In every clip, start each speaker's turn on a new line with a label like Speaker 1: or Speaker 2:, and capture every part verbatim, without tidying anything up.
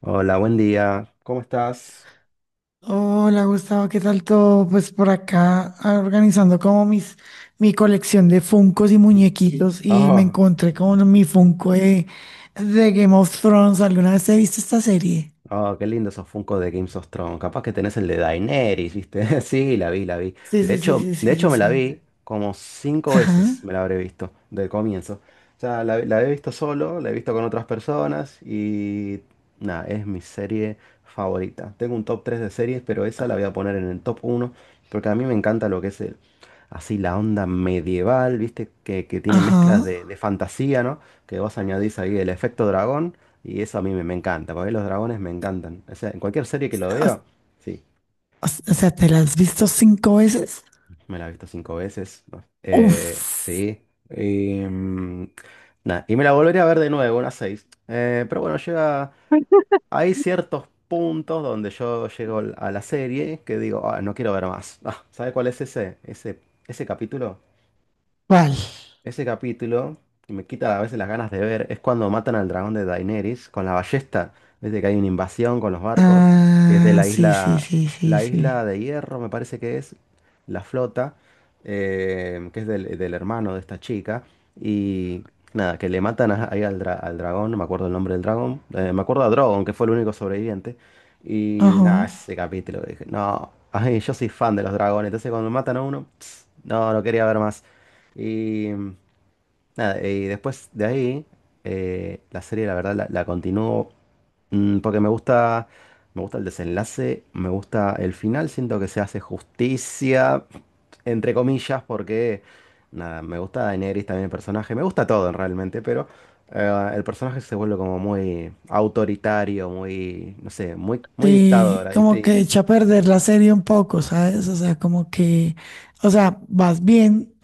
Speaker 1: Hola, buen día. ¿Cómo estás?
Speaker 2: Hola Gustavo, ¿qué tal todo? Pues por acá ah, organizando como mis, mi colección de Funkos y muñequitos y me
Speaker 1: Oh,
Speaker 2: encontré con mi Funko de, de Game of Thrones. ¿Alguna vez he visto esta serie?
Speaker 1: oh, qué lindo esos Funko de Games of Thrones. Capaz que tenés el de Daenerys, ¿viste? Sí, la vi, la vi.
Speaker 2: Sí,
Speaker 1: De
Speaker 2: sí, sí,
Speaker 1: hecho,
Speaker 2: sí,
Speaker 1: de
Speaker 2: sí,
Speaker 1: hecho
Speaker 2: sí,
Speaker 1: me la
Speaker 2: sí.
Speaker 1: vi como cinco
Speaker 2: Ajá,
Speaker 1: veces, me la habré visto, del comienzo. O sea, la, la he visto solo, la he visto con otras personas y nada, es mi serie favorita. Tengo un top tres de series, pero esa la voy a poner en el top uno porque a mí me encanta lo que es el así la onda medieval, ¿viste? Que, que tiene
Speaker 2: ajá.
Speaker 1: mezclas de, de fantasía, ¿no? Que vos añadís ahí el efecto dragón y eso a mí me, me encanta, porque los dragones me encantan. O sea, en cualquier serie que lo
Speaker 2: O,
Speaker 1: veo, sí,
Speaker 2: o- o sea, ¿te la has visto cinco veces?
Speaker 1: me la he visto cinco veces, ¿no? Eh,
Speaker 2: Uf,
Speaker 1: sí. Y, mm, nada, y me la volveré a ver de nuevo, unas seis. Eh, pero bueno, llega, hay ciertos puntos donde yo llego a la serie que digo, ah, no quiero ver más. Ah, ¿sabes cuál es ese, ese, ese capítulo?
Speaker 2: ¿cuál?
Speaker 1: Ese capítulo que me quita a veces las ganas de ver es cuando matan al dragón de Daenerys con la ballesta. Desde que hay una invasión con los barcos, que es de
Speaker 2: Ah,
Speaker 1: la
Speaker 2: sí, sí,
Speaker 1: isla,
Speaker 2: sí, sí,
Speaker 1: la
Speaker 2: sí.
Speaker 1: isla de Hierro, me parece que es, la flota, eh, que es del, del hermano de esta chica. Y nada, que le matan a- ahí al, dra- al dragón, no me acuerdo el nombre del dragón, eh, me acuerdo a Drogon, que fue el único sobreviviente. Y
Speaker 2: Ajá.
Speaker 1: nada, ese capítulo, dije, no, ay, yo soy fan de los dragones, entonces cuando matan a uno, no, no quería ver más. Y nada, y después de ahí, eh, la serie, la verdad, la, la continúo mm, porque me gusta, me gusta el desenlace, me gusta el final, siento que se hace justicia, entre comillas, porque, nada, me gusta Daenerys también el personaje, me gusta todo realmente, pero eh, el personaje se vuelve como muy autoritario, muy, no sé, muy, muy
Speaker 2: Sí,
Speaker 1: dictador, ¿viste?
Speaker 2: como que
Speaker 1: Y-
Speaker 2: echa a perder la serie un poco, ¿sabes? O sea, como que, o sea, vas bien,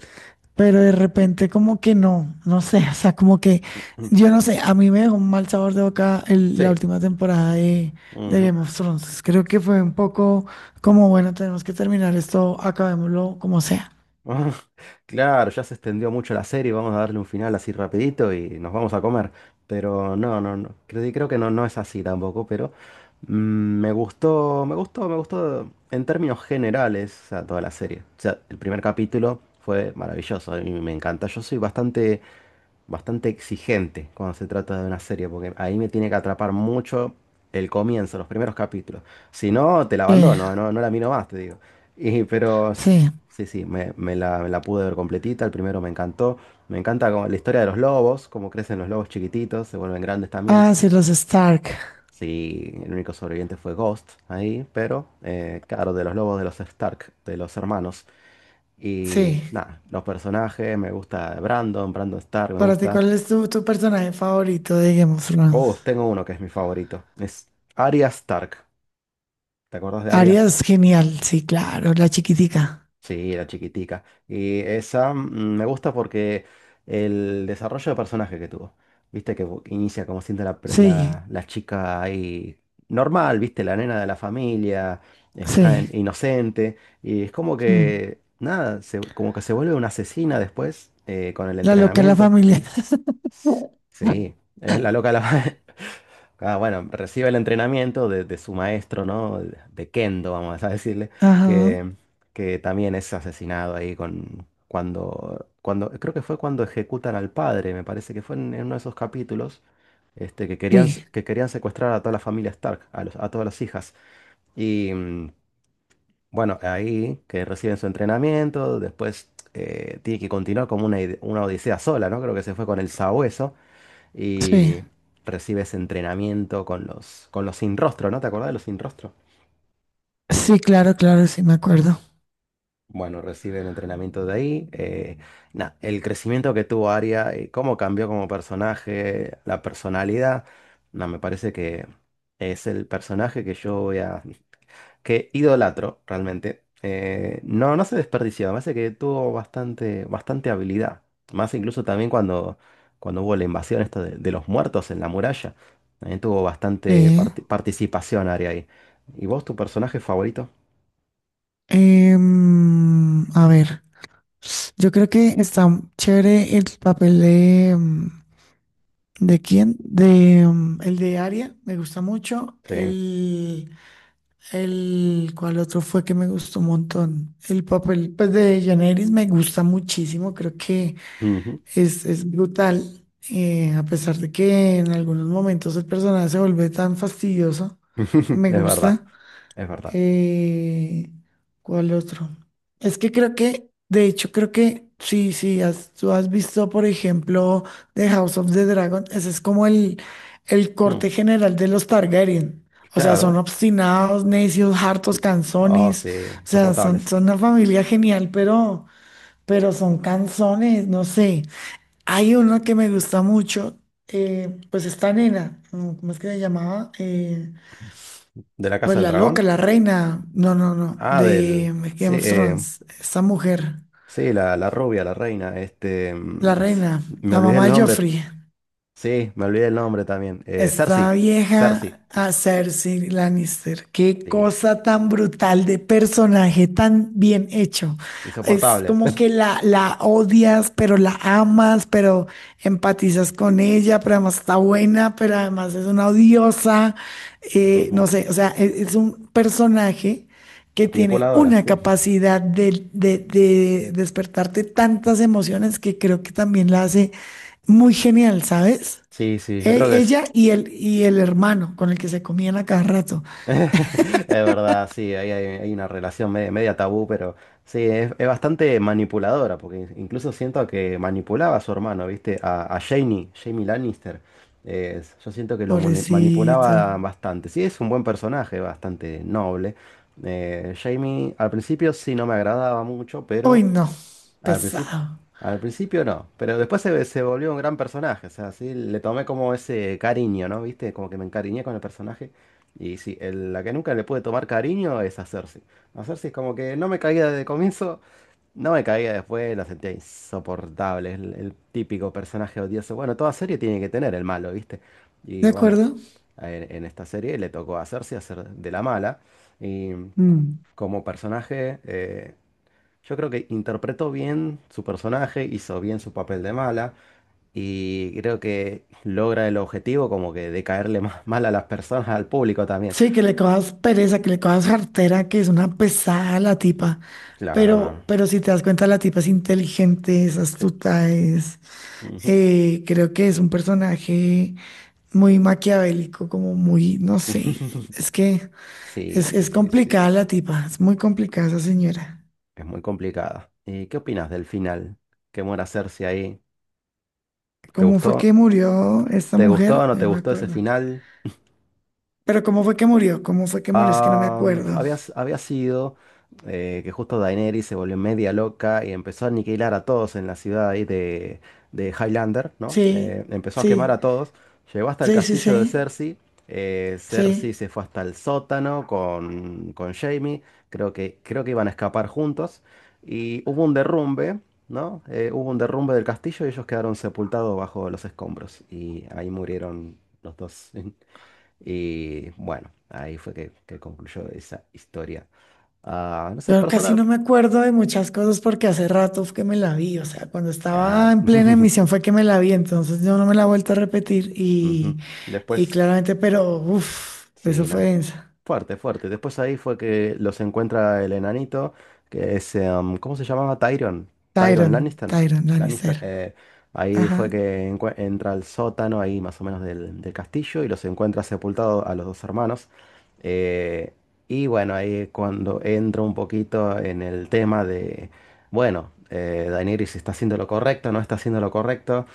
Speaker 2: pero de repente como que no, no sé, o sea, como que, yo no sé, a mí me dejó un mal sabor de boca el- la
Speaker 1: sí,
Speaker 2: última temporada de, de
Speaker 1: ujú.
Speaker 2: Game of Thrones. Creo que fue un poco como, bueno, tenemos que terminar esto, acabémoslo como sea.
Speaker 1: Ah, claro, ya se extendió mucho la serie, vamos a darle un final así rapidito y nos vamos a comer. Pero no, no, no, creo, creo que no, no es así tampoco, pero mm, me gustó, me gustó, me gustó en términos generales, o sea, toda la serie. O sea, el primer capítulo fue maravilloso, a mí me encanta. Yo soy bastante bastante exigente cuando se trata de una serie, porque ahí me tiene que atrapar mucho el comienzo, los primeros capítulos. Si no, te la
Speaker 2: Sí,
Speaker 1: abandono, no, no la miro más, te digo. Y, pero s-
Speaker 2: sí.
Speaker 1: sí, sí, me, me la, me la pude ver completita, el primero me encantó. Me encanta como la historia de los lobos, cómo crecen los lobos chiquititos, se vuelven grandes también.
Speaker 2: Ah, sí, los Stark.
Speaker 1: Sí, el único sobreviviente fue Ghost ahí, pero eh, claro, de los lobos de los Stark, de los hermanos. Y
Speaker 2: Sí.
Speaker 1: nada, los personajes, me gusta Brandon, Brandon Stark, me
Speaker 2: Para ti,
Speaker 1: gusta.
Speaker 2: ¿cuál es tu, tu personaje favorito de Game of
Speaker 1: Oh,
Speaker 2: Thrones?
Speaker 1: tengo uno que es mi favorito. Es Arya Stark. ¿Te acuerdas de Arya?
Speaker 2: Arias, genial, sí, claro, la chiquitica.
Speaker 1: Sí, la chiquitica. Y esa mm, me gusta porque el desarrollo de personaje que tuvo. Viste que bu- inicia como siendo la, pre-
Speaker 2: Sí,
Speaker 1: la- la chica ahí normal, viste, la nena de la familia, este,
Speaker 2: sí.
Speaker 1: tan inocente. Y es como
Speaker 2: Mm.
Speaker 1: que, nada, se- como que se vuelve una asesina después, eh, con el
Speaker 2: La loca de la
Speaker 1: entrenamiento.
Speaker 2: familia.
Speaker 1: S- Sí, es la loca de la... Ah, bueno, recibe el entrenamiento de, de su maestro, ¿no? De Kendo, vamos a decirle,
Speaker 2: Ajá,
Speaker 1: que, que también es asesinado ahí con cuando, cuando, creo que fue cuando ejecutan al padre, me parece que fue en, en uno de esos capítulos, este, que querían, s-
Speaker 2: sí,
Speaker 1: que querían secuestrar a toda la familia Stark, a los- a todas las hijas. Y mm, bueno, ahí que reciben su entrenamiento, después, eh, tiene que continuar como una, ide- una odisea sola, ¿no? Creo que se fue con el sabueso
Speaker 2: sí.
Speaker 1: y recibes entrenamiento con los, con los sin rostro, ¿no? ¿Te acordás de los sin rostro?
Speaker 2: Sí, claro, claro, sí, me acuerdo.
Speaker 1: Bueno, reciben entrenamiento de ahí. Eh, nada, el crecimiento que tuvo Aria, eh, cómo cambió como personaje, la personalidad, nada me parece que es el personaje que yo voy a que idolatro realmente, eh, no, no se desperdició. Me parece que tuvo bastante, bastante habilidad. Más incluso también cuando, cuando hubo la invasión esto de, de los muertos en la muralla. También tuvo bastante
Speaker 2: Sí.
Speaker 1: parti- participación Aria ahí. ¿Y vos, tu personaje favorito?
Speaker 2: Em, a ver, yo creo que está chévere el papel de... mm, ¿De quién? De, mm, el de Aria, me gusta mucho.
Speaker 1: Sí.
Speaker 2: El, El cual otro fue que me gustó un montón. El papel pues, de Janeris me gusta muchísimo, creo que
Speaker 1: Ujú.
Speaker 2: es, es brutal, eh, a pesar de que en algunos momentos el personaje se vuelve tan fastidioso, me
Speaker 1: Es verdad.
Speaker 2: gusta.
Speaker 1: Es verdad.
Speaker 2: Eh, ¿Cuál otro? Es que creo que, de hecho, creo que sí, sí, has- tú has visto, por ejemplo, The House of the Dragon, ese es como el, el
Speaker 1: Mm,
Speaker 2: corte general de los Targaryen. O sea, son
Speaker 1: claro.
Speaker 2: obstinados, necios, hartos,
Speaker 1: Oh,
Speaker 2: canzones.
Speaker 1: sí.
Speaker 2: O sea, son,
Speaker 1: Soportables.
Speaker 2: son una familia genial, pero, pero son canzones, no sé. Hay uno que me gusta mucho, eh, pues esta nena, mm, ¿cómo es que se llamaba? Eh,
Speaker 1: ¿De la
Speaker 2: pues
Speaker 1: Casa del
Speaker 2: la loca,
Speaker 1: Dragón?
Speaker 2: la reina, no, no, no,
Speaker 1: Ah, del.
Speaker 2: de
Speaker 1: Sí,
Speaker 2: Game of
Speaker 1: eh,
Speaker 2: Thrones, esta mujer,
Speaker 1: sí, la, la rubia, la reina. Este. mm,
Speaker 2: la reina,
Speaker 1: Me
Speaker 2: la
Speaker 1: olvidé el
Speaker 2: mamá de
Speaker 1: nombre.
Speaker 2: Joffrey.
Speaker 1: Sí, me olvidé el nombre también. Eh, Cersei.
Speaker 2: Esta
Speaker 1: Cersei.
Speaker 2: vieja a Cersei Lannister. Qué
Speaker 1: Sí.
Speaker 2: cosa tan brutal de personaje, tan bien hecho. Es
Speaker 1: Insoportable.
Speaker 2: como que la, la odias, pero la amas, pero empatizas con ella, pero además está buena, pero además es una odiosa. Eh, no
Speaker 1: Ujú.
Speaker 2: sé, o sea, e- es un personaje que tiene
Speaker 1: Manipuladora,
Speaker 2: una
Speaker 1: sí.
Speaker 2: capacidad de, de de despertarte tantas emociones que creo que también la hace muy genial, ¿sabes?
Speaker 1: Sí, sí, yo creo que
Speaker 2: E-
Speaker 1: es.
Speaker 2: ella y el, y el hermano con el que se comían a cada rato.
Speaker 1: Es verdad, sí, ahí hay, hay una relación media, media tabú, pero sí, es, es bastante manipuladora, porque incluso siento que manipulaba a su hermano, ¿viste? A, a Jaime, Jaime Lannister. Eh, yo siento que lo mani-
Speaker 2: Pobrecito.
Speaker 1: manipulaba bastante. Sí, es un buen personaje, bastante noble. Eh, Jaime al principio sí no me agradaba mucho,
Speaker 2: Uy,
Speaker 1: pero...
Speaker 2: no.
Speaker 1: Al principio,
Speaker 2: Pesado.
Speaker 1: al principio no, pero después se, se volvió un gran personaje, o sea, sí, le tomé como ese cariño, ¿no? ¿Viste? Como que me encariñé con el personaje. Y sí, el- la que nunca le pude tomar cariño es a Cersei. A Cersei es como que no me caía desde el comienzo, no me caía después, la sentía insoportable, el, el típico personaje odioso. Bueno, toda serie tiene que tener el malo, ¿viste? Y
Speaker 2: ¿De
Speaker 1: bueno,
Speaker 2: acuerdo?
Speaker 1: en, en esta serie le tocó a Cersei hacer de la mala. Y
Speaker 2: Mm.
Speaker 1: como personaje... eh, yo creo que interpretó bien su personaje, hizo bien su papel de mala y creo que logra el objetivo como que de caerle más mal a las personas, al público también.
Speaker 2: Sí, que le cojas pereza, que le cojas jartera, que es una pesada la tipa.
Speaker 1: Claro, no,
Speaker 2: Pero,
Speaker 1: no.
Speaker 2: pero si te das cuenta, la tipa es inteligente, es
Speaker 1: Sí.
Speaker 2: astuta, es,
Speaker 1: Ujú.
Speaker 2: eh, creo que es un personaje muy maquiavélico, como muy, no sé, es que
Speaker 1: Sí,
Speaker 2: es,
Speaker 1: sí,
Speaker 2: es
Speaker 1: sí, sí.
Speaker 2: complicada la tipa, es muy complicada esa señora.
Speaker 1: Es muy complicada. ¿Y qué opinas del final? ¿Qué muera Cersei ahí? ¿Te
Speaker 2: ¿Cómo fue que
Speaker 1: gustó?
Speaker 2: murió esta
Speaker 1: ¿Te gustó o
Speaker 2: mujer?
Speaker 1: no
Speaker 2: Ya
Speaker 1: te
Speaker 2: no me
Speaker 1: gustó ese
Speaker 2: acuerdo.
Speaker 1: final?
Speaker 2: Pero ¿cómo fue que murió? ¿Cómo fue que murió? Es que no me
Speaker 1: Am, fu-
Speaker 2: acuerdo.
Speaker 1: había, s- había sido, eh, que justo Daenerys se volvió media loca y empezó a aniquilar a todos en la ciudad ahí de, de Highlander, ¿no? Eh,
Speaker 2: Sí,
Speaker 1: empezó a quemar
Speaker 2: sí,
Speaker 1: a todos, llegó hasta el
Speaker 2: sí, sí,
Speaker 1: castillo de
Speaker 2: sí,
Speaker 1: Cersei, eh, Cersei
Speaker 2: sí.
Speaker 1: se fue hasta el sótano con, con Jaime, creo que, creo que iban a escapar juntos y hubo un derrumbe, ¿no? Eh, hubo un derrumbe del castillo y ellos quedaron sepultados bajo los escombros y ahí murieron los dos. Y bueno, ahí fue que, que concluyó esa historia. Ah, no sé,
Speaker 2: Yo casi
Speaker 1: personal.
Speaker 2: no me acuerdo de muchas cosas porque hace rato fue que me la vi. O sea, cuando estaba
Speaker 1: Ya.
Speaker 2: en plena emisión fue que me la vi. Entonces yo no me la he vuelto a repetir. Y,
Speaker 1: Ujú.
Speaker 2: y
Speaker 1: Después,
Speaker 2: claramente, pero uff, eso
Speaker 1: sí,
Speaker 2: fue
Speaker 1: no.
Speaker 2: densa.
Speaker 1: Fuerte, fuerte. Después ahí fue que los encuentra el enanito, que es, em, ¿cómo se llamaba? Tyrion. Tyrion
Speaker 2: Tyron,
Speaker 1: Lannister.
Speaker 2: Tyron
Speaker 1: Lannister,
Speaker 2: Lannister.
Speaker 1: eh, ahí fue
Speaker 2: Ajá.
Speaker 1: que encue- entra al sótano, ahí más o menos del, del castillo, y los encuentra sepultados a los dos hermanos. Eh, y bueno, ahí cuando entro un poquito en el tema de, bueno, eh, Daenerys está haciendo lo correcto, no está haciendo lo correcto.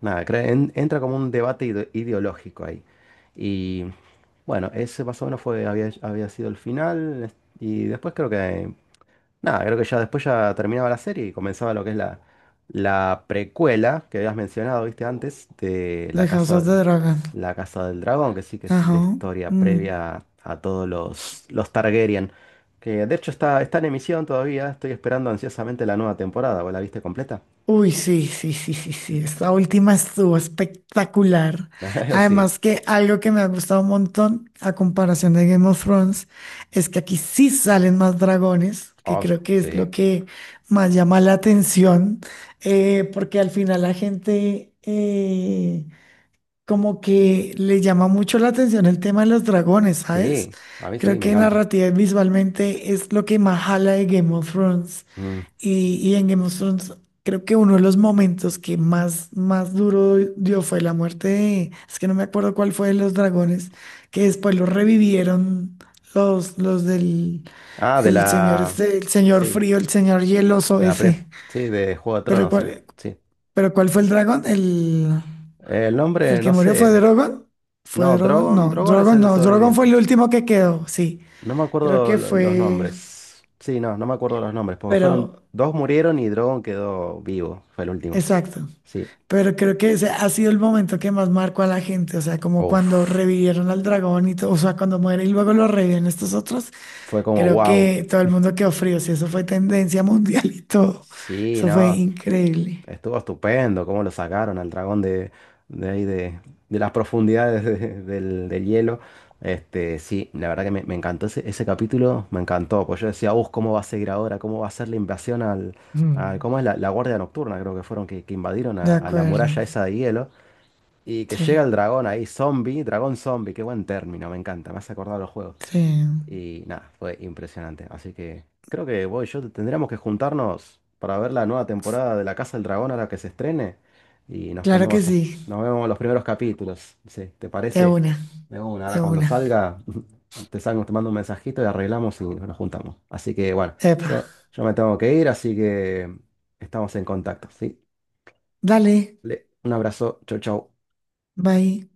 Speaker 1: Nada, cre- en- entra como un debate ide- ideológico ahí. Y bueno, ese más o menos fue, había, había sido el final. es- Y después creo que, nada, creo que ya después ya terminaba la serie y comenzaba lo que es la, la precuela que habías mencionado, viste, antes, de
Speaker 2: De
Speaker 1: La
Speaker 2: House of
Speaker 1: Casa,
Speaker 2: the Dragon.
Speaker 1: La Casa del Dragón, que sí que es la
Speaker 2: Ajá.
Speaker 1: historia
Speaker 2: Mm.
Speaker 1: previa a todos los, los Targaryen. Que de hecho está, está en emisión todavía, estoy esperando ansiosamente la nueva temporada. ¿Vos la viste completa?
Speaker 2: Uy, sí, sí, sí, sí, sí, esta última estuvo espectacular.
Speaker 1: Sí.
Speaker 2: Además que algo que me ha gustado un montón a comparación de Game of Thrones es que aquí sí salen más dragones, que
Speaker 1: Oh,
Speaker 2: creo que es
Speaker 1: sí.
Speaker 2: lo que más llama la atención, eh, porque al final la gente eh, como que le llama mucho la atención el tema de los dragones, ¿sabes?
Speaker 1: Sí, a mí sí,
Speaker 2: Creo
Speaker 1: me
Speaker 2: que
Speaker 1: encanta.
Speaker 2: narrativa y visualmente es lo que más jala de Game of Thrones.
Speaker 1: Mm.
Speaker 2: Y, y en Game of Thrones, creo que uno de los momentos que más, más duro dio fue la muerte de, es que no me acuerdo cuál fue de los dragones, que después los revivieron los, los del
Speaker 1: Ah, de
Speaker 2: el señor
Speaker 1: la...
Speaker 2: este, el señor
Speaker 1: Sí,
Speaker 2: frío, el señor hieloso
Speaker 1: de la pre...
Speaker 2: ese.
Speaker 1: Sí, de Juego de
Speaker 2: Pero
Speaker 1: Tronos, eh,
Speaker 2: cuál,
Speaker 1: sí.
Speaker 2: pero cuál fue el dragón? El,
Speaker 1: El
Speaker 2: el
Speaker 1: nombre,
Speaker 2: que
Speaker 1: no
Speaker 2: murió fue
Speaker 1: sé.
Speaker 2: Drogon. ¿Fue
Speaker 1: No,
Speaker 2: Drogon?
Speaker 1: Drogon,
Speaker 2: No,
Speaker 1: Drogon es
Speaker 2: Drogon
Speaker 1: el
Speaker 2: no, Drogon fue
Speaker 1: sobreviviente.
Speaker 2: el último que quedó, sí.
Speaker 1: No me
Speaker 2: Creo
Speaker 1: acuerdo
Speaker 2: que
Speaker 1: lo- los
Speaker 2: fue,
Speaker 1: nombres. Sí, no, no me acuerdo los nombres, porque fueron...
Speaker 2: pero
Speaker 1: Dos murieron y Drogon quedó vivo, fue el último.
Speaker 2: exacto.
Speaker 1: Sí.
Speaker 2: Pero creo que ese ha sido el momento que más marcó a la gente, o sea, como cuando
Speaker 1: Uf,
Speaker 2: revivieron al dragón y todo, o sea, cuando muere y luego lo reviven estos otros,
Speaker 1: fue como
Speaker 2: creo
Speaker 1: wow.
Speaker 2: que todo el mundo quedó frío, si eso fue tendencia mundial y todo,
Speaker 1: Sí,
Speaker 2: eso fue
Speaker 1: no,
Speaker 2: increíble.
Speaker 1: estuvo estupendo cómo lo sacaron al dragón de, de ahí de, de las profundidades de- del, del hielo. Este, sí, la verdad que me, me encantó ese, ese capítulo, me encantó. Pues yo decía, uff, ¿cómo va a seguir ahora? ¿Cómo va a ser la invasión al, al-
Speaker 2: Mm,
Speaker 1: ¿cómo es la, la Guardia Nocturna? Creo que fueron que, que invadieron
Speaker 2: de
Speaker 1: a, a la
Speaker 2: acuerdo,
Speaker 1: muralla esa de hielo. Y que llega el
Speaker 2: sí,
Speaker 1: dragón ahí, zombie, dragón zombie, qué buen término, me encanta, me hace acordar a los juegos.
Speaker 2: sí,
Speaker 1: Y nada, fue impresionante. Así que creo que vos y yo tendríamos que juntarnos para ver la nueva temporada de La Casa del Dragón ahora que se estrene. Y nos
Speaker 2: claro que
Speaker 1: ponemos, a-
Speaker 2: sí,
Speaker 1: nos vemos los primeros capítulos. Sí, ¿te
Speaker 2: de
Speaker 1: parece?
Speaker 2: una,
Speaker 1: De una, ahora
Speaker 2: de
Speaker 1: cuando
Speaker 2: una.
Speaker 1: salga, te salgo, te mando un mensajito y arreglamos y nos juntamos. Así que bueno,
Speaker 2: Epa,
Speaker 1: yo, yo me tengo que ir, así que estamos en contacto, ¿sí?
Speaker 2: dale,
Speaker 1: Le- Un abrazo, chau, chau.
Speaker 2: bye.